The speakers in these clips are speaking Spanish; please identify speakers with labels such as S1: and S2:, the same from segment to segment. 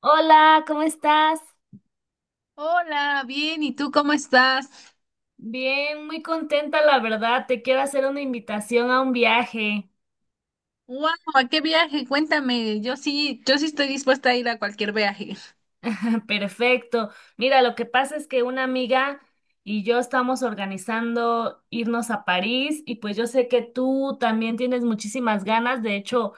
S1: Hola, ¿cómo estás?
S2: Hola, bien, ¿y tú cómo estás?
S1: Bien, muy contenta, la verdad. Te quiero hacer una invitación a un viaje.
S2: ¡Wow! ¿A qué viaje? Cuéntame, yo sí estoy dispuesta a ir a cualquier viaje.
S1: Perfecto. Mira, lo que pasa es que una amiga y yo estamos organizando irnos a París y pues yo sé que tú también tienes muchísimas ganas. De hecho,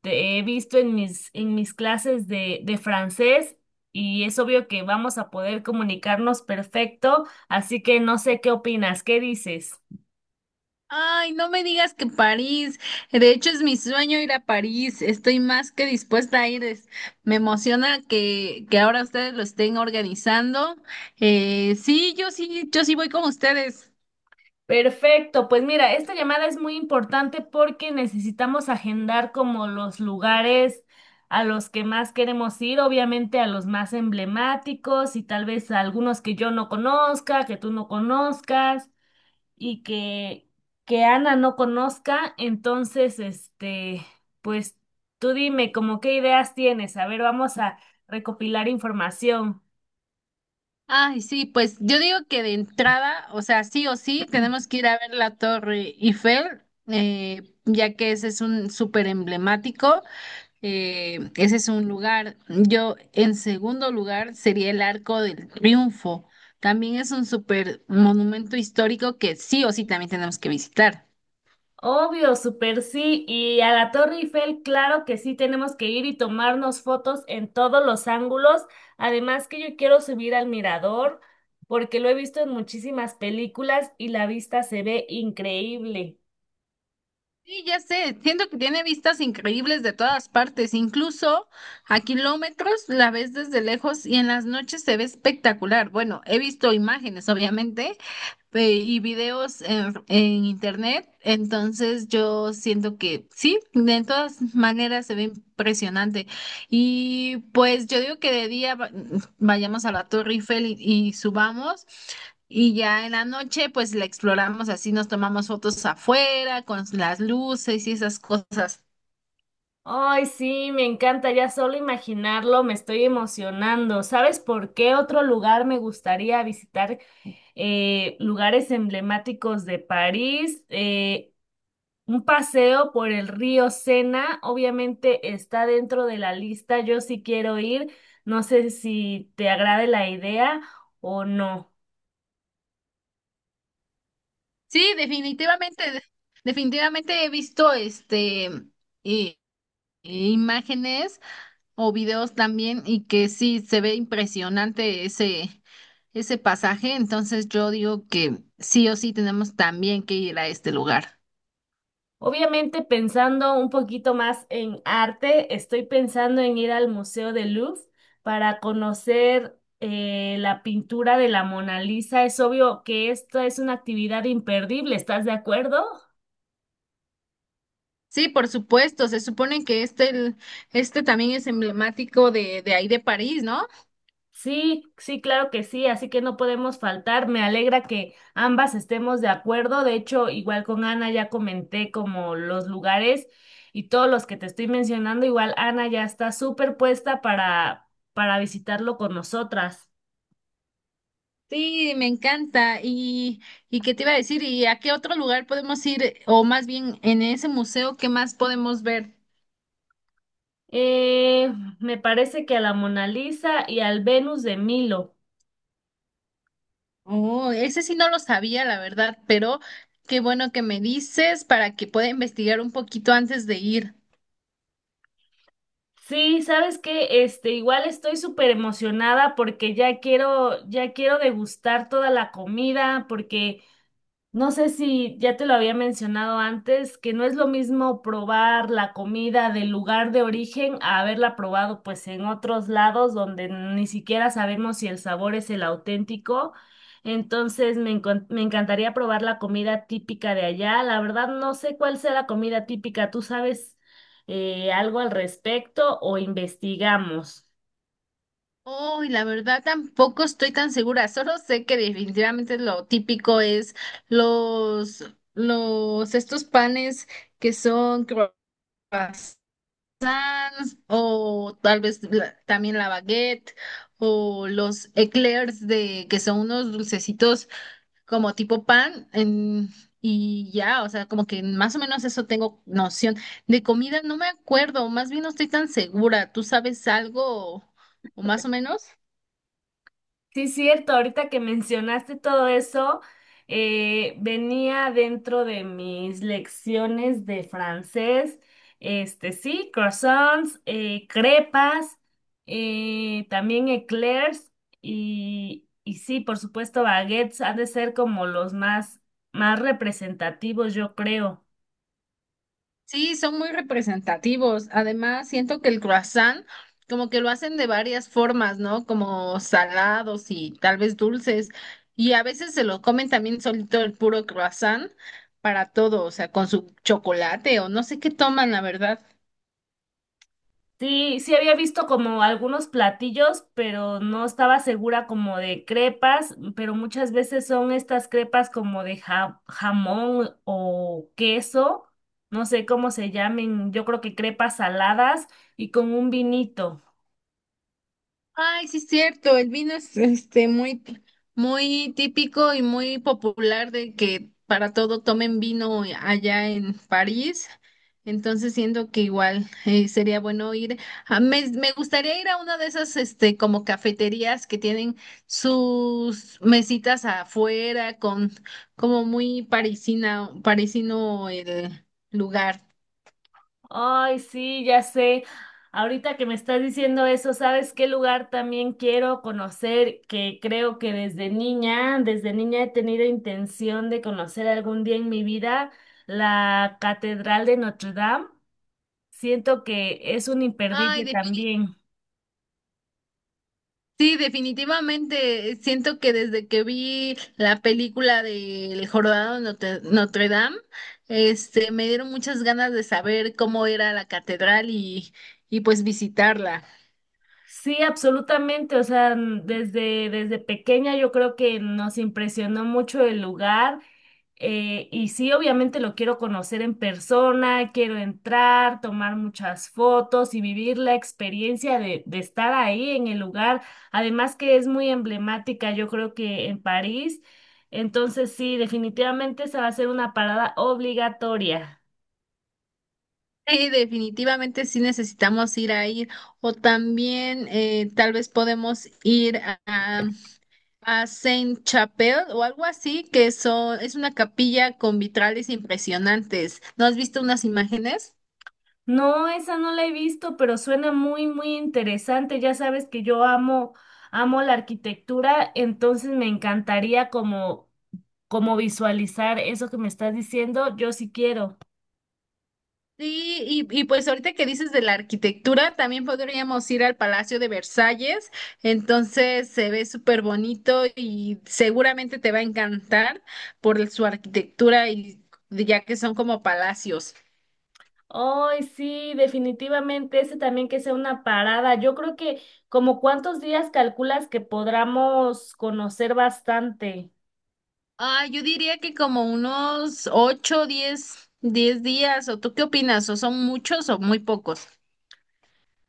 S1: te he visto en en mis clases de francés y es obvio que vamos a poder comunicarnos perfecto. Así que no sé qué opinas, ¿qué dices?
S2: Ay, no me digas que París. De hecho, es mi sueño ir a París. Estoy más que dispuesta a ir. Me emociona que ahora ustedes lo estén organizando. Sí, yo sí voy con ustedes.
S1: Perfecto, pues mira, esta llamada es muy importante porque necesitamos agendar como los lugares a los que más queremos ir, obviamente a los más emblemáticos y tal vez a algunos que yo no conozca, que tú no conozcas y que Ana no conozca. Entonces, pues tú dime como qué ideas tienes. A ver, vamos a recopilar información.
S2: Ay, sí, pues yo digo que de entrada, o sea, sí o sí, tenemos que ir a ver la Torre Eiffel, ya que ese es un súper emblemático. Ese es un lugar. Yo, en segundo lugar, sería el Arco del Triunfo. También es un super monumento histórico que sí o sí también tenemos que visitar.
S1: Obvio, súper sí. Y a la Torre Eiffel, claro que sí, tenemos que ir y tomarnos fotos en todos los ángulos. Además que yo quiero subir al mirador porque lo he visto en muchísimas películas y la vista se ve increíble.
S2: Sí, ya sé, siento que tiene vistas increíbles de todas partes, incluso a kilómetros la ves desde lejos y en las noches se ve espectacular. Bueno, he visto imágenes, obviamente, y videos en internet. Entonces yo siento que sí, de todas maneras se ve impresionante. Y pues yo digo que vayamos a la Torre Eiffel y subamos. Y ya en la noche, pues la exploramos así, nos tomamos fotos afuera con las luces y esas cosas.
S1: Ay, sí, me encanta, ya solo imaginarlo me estoy emocionando. ¿Sabes por qué otro lugar me gustaría visitar? Lugares emblemáticos de París. Un paseo por el río Sena, obviamente está dentro de la lista. Yo sí quiero ir. No sé si te agrade la idea o no.
S2: Sí, definitivamente, definitivamente he visto i- imágenes o videos también, y que sí se ve impresionante ese pasaje. Entonces yo digo que sí o sí tenemos también que ir a este lugar.
S1: Obviamente pensando un poquito más en arte, estoy pensando en ir al Museo del Louvre para conocer la pintura de la Mona Lisa. Es obvio que esta es una actividad imperdible. ¿Estás de acuerdo?
S2: Sí, por supuesto, se supone que este también es emblemático de ahí de París, ¿no?
S1: Sí, sí, claro que sí, así que no podemos faltar. Me alegra que ambas estemos de acuerdo. De hecho, igual con Ana ya comenté como los lugares y todos los que te estoy mencionando, igual Ana ya está súper puesta para visitarlo con nosotras.
S2: Sí, me encanta. Y qué te iba a decir, ¿y a qué otro lugar podemos ir o más bien en ese museo qué más podemos ver?
S1: Eh, Me parece que a la Mona Lisa y al Venus de Milo.
S2: Oh, ese sí no lo sabía, la verdad, pero qué bueno que me dices para que pueda investigar un poquito antes de ir.
S1: Sí, ¿sabes que Este, igual estoy súper emocionada porque ya ya quiero degustar toda la comida, porque no sé si ya te lo había mencionado antes, que no es lo mismo probar la comida del lugar de origen a haberla probado pues en otros lados donde ni siquiera sabemos si el sabor es el auténtico. Entonces me encantaría probar la comida típica de allá. La verdad no sé cuál sea la comida típica. ¿Tú sabes algo al respecto o investigamos?
S2: Oh, y la verdad tampoco estoy tan segura, solo sé que definitivamente lo típico es los, estos panes que son croissants, o tal vez también la baguette, o los eclairs de, que son unos dulcecitos como tipo y ya, o sea, como que más o menos eso tengo noción. De comida no me acuerdo, más bien no estoy tan segura. ¿Tú sabes algo o, o más o menos?
S1: Sí, cierto, ahorita que mencionaste todo eso, venía dentro de mis lecciones de francés, este sí, croissants, crepas, también eclairs y sí, por supuesto, baguettes han de ser como más representativos, yo creo.
S2: Sí, son muy representativos. Además, siento que el croissant como que lo hacen de varias formas, ¿no? Como salados y tal vez dulces. Y a veces se lo comen también solito el puro croissant para todo, o sea, con su chocolate o no sé qué toman, la verdad.
S1: Sí, sí había visto como algunos platillos, pero no estaba segura como de crepas, pero muchas veces son estas crepas como de jamón o queso, no sé cómo se llamen, yo creo que crepas saladas y con un vinito.
S2: Ay, sí es cierto, el vino es este muy, muy típico y muy popular, de que para todo tomen vino allá en París. Entonces siento que igual sería bueno ir. Me gustaría ir a una de esas este como cafeterías que tienen sus mesitas afuera, con como muy parisina, parisino el lugar.
S1: Ay, sí, ya sé. Ahorita que me estás diciendo eso, ¿sabes qué lugar también quiero conocer? Que creo que desde niña he tenido intención de conocer algún día en mi vida la Catedral de Notre Dame. Siento que es un
S2: Ay,
S1: imperdible también.
S2: sí, definitivamente. Siento que desde que vi la película del Jorobado de Notre Dame, este, me dieron muchas ganas de saber cómo era la catedral y pues visitarla.
S1: Sí, absolutamente. O sea, desde pequeña yo creo que nos impresionó mucho el lugar. Y sí, obviamente lo quiero conocer en persona, quiero entrar, tomar muchas fotos y vivir la experiencia de estar ahí en el lugar. Además que es muy emblemática, yo creo que en París. Entonces sí, definitivamente esa va a ser una parada obligatoria.
S2: Sí, definitivamente sí necesitamos ir a ir. O también tal vez podemos ir a Saint-Chapelle o algo así, que es una capilla con vitrales impresionantes. ¿No has visto unas imágenes?
S1: No, esa no la he visto, pero suena muy, muy interesante. Ya sabes que amo la arquitectura, entonces me encantaría como visualizar eso que me estás diciendo. Yo sí quiero.
S2: Sí, y pues ahorita que dices de la arquitectura, también podríamos ir al Palacio de Versalles. Entonces se ve súper bonito y seguramente te va a encantar por su arquitectura, y ya que son como palacios.
S1: Ay, sí, definitivamente, ese también que sea una parada. Yo creo que como cuántos días calculas que podamos conocer bastante.
S2: Ah, yo diría que como unos 8, 10, 10 días, ¿o tú qué opinas? ¿O son muchos o muy pocos?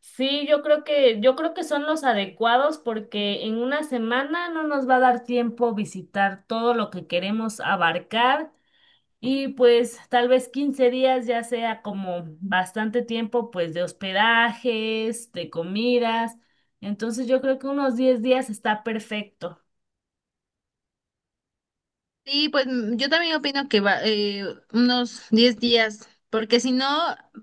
S1: Sí, yo creo que son los adecuados porque en una semana no nos va a dar tiempo visitar todo lo que queremos abarcar y pues tal vez 15 días ya sea como bastante tiempo pues de hospedajes, de comidas. Entonces yo creo que unos 10 días está perfecto.
S2: Sí, pues mm, yo también opino que va, unos 10 días, porque si no,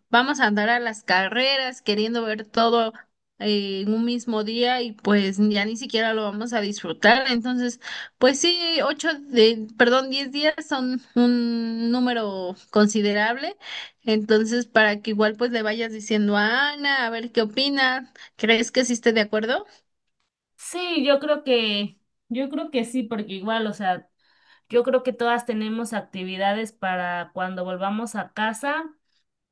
S2: vamos a andar a las carreras queriendo ver todo en un mismo día y pues ya ni siquiera lo vamos a disfrutar. Entonces, pues sí, ocho de, perdón, 10 días son un número considerable. Entonces, para que igual pues le vayas diciendo a Ana, a ver qué opina. ¿Crees que sí esté de acuerdo?
S1: Sí, yo creo que sí, porque igual, o sea, yo creo que todas tenemos actividades para cuando volvamos a casa.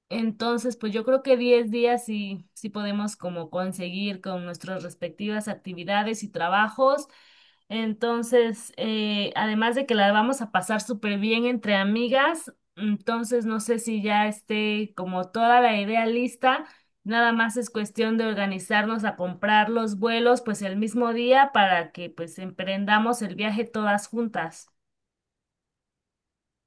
S1: Entonces, pues yo creo que 10 días sí, sí podemos como conseguir con nuestras respectivas actividades y trabajos. Entonces, además de que la vamos a pasar súper bien entre amigas, entonces no sé si ya esté como toda la idea lista, nada más es cuestión de organizarnos a comprar los vuelos pues el mismo día para que pues emprendamos el viaje todas juntas.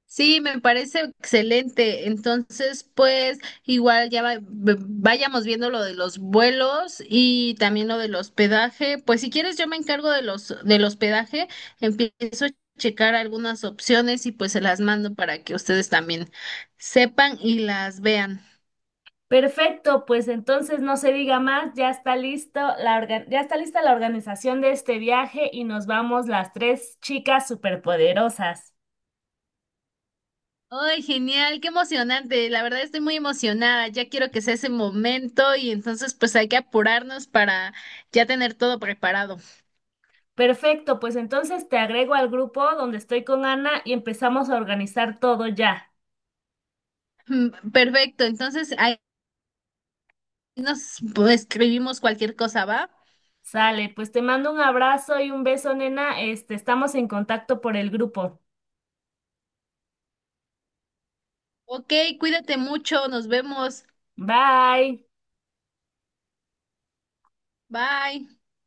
S2: Sí, me parece excelente. Entonces, pues igual ya vayamos viendo lo de los vuelos y también lo del hospedaje. Pues si quieres, yo me encargo de los del hospedaje. Empiezo a checar algunas opciones y pues se las mando para que ustedes también sepan y las vean.
S1: Perfecto, pues entonces no se diga más, ya está lista la organización de este viaje y nos vamos las tres chicas superpoderosas.
S2: ¡Ay, genial! ¡Qué emocionante! La verdad estoy muy emocionada. Ya quiero que sea ese momento, y entonces pues hay que apurarnos para ya tener todo preparado.
S1: Perfecto, pues entonces te agrego al grupo donde estoy con Ana y empezamos a organizar todo ya.
S2: Mm, perfecto, entonces ahí nos pues, escribimos cualquier cosa, ¿va?
S1: Sale, pues te mando un abrazo y un beso, nena. Este, estamos en contacto por el grupo.
S2: Ok, cuídate mucho, nos vemos.
S1: Bye.
S2: Bye.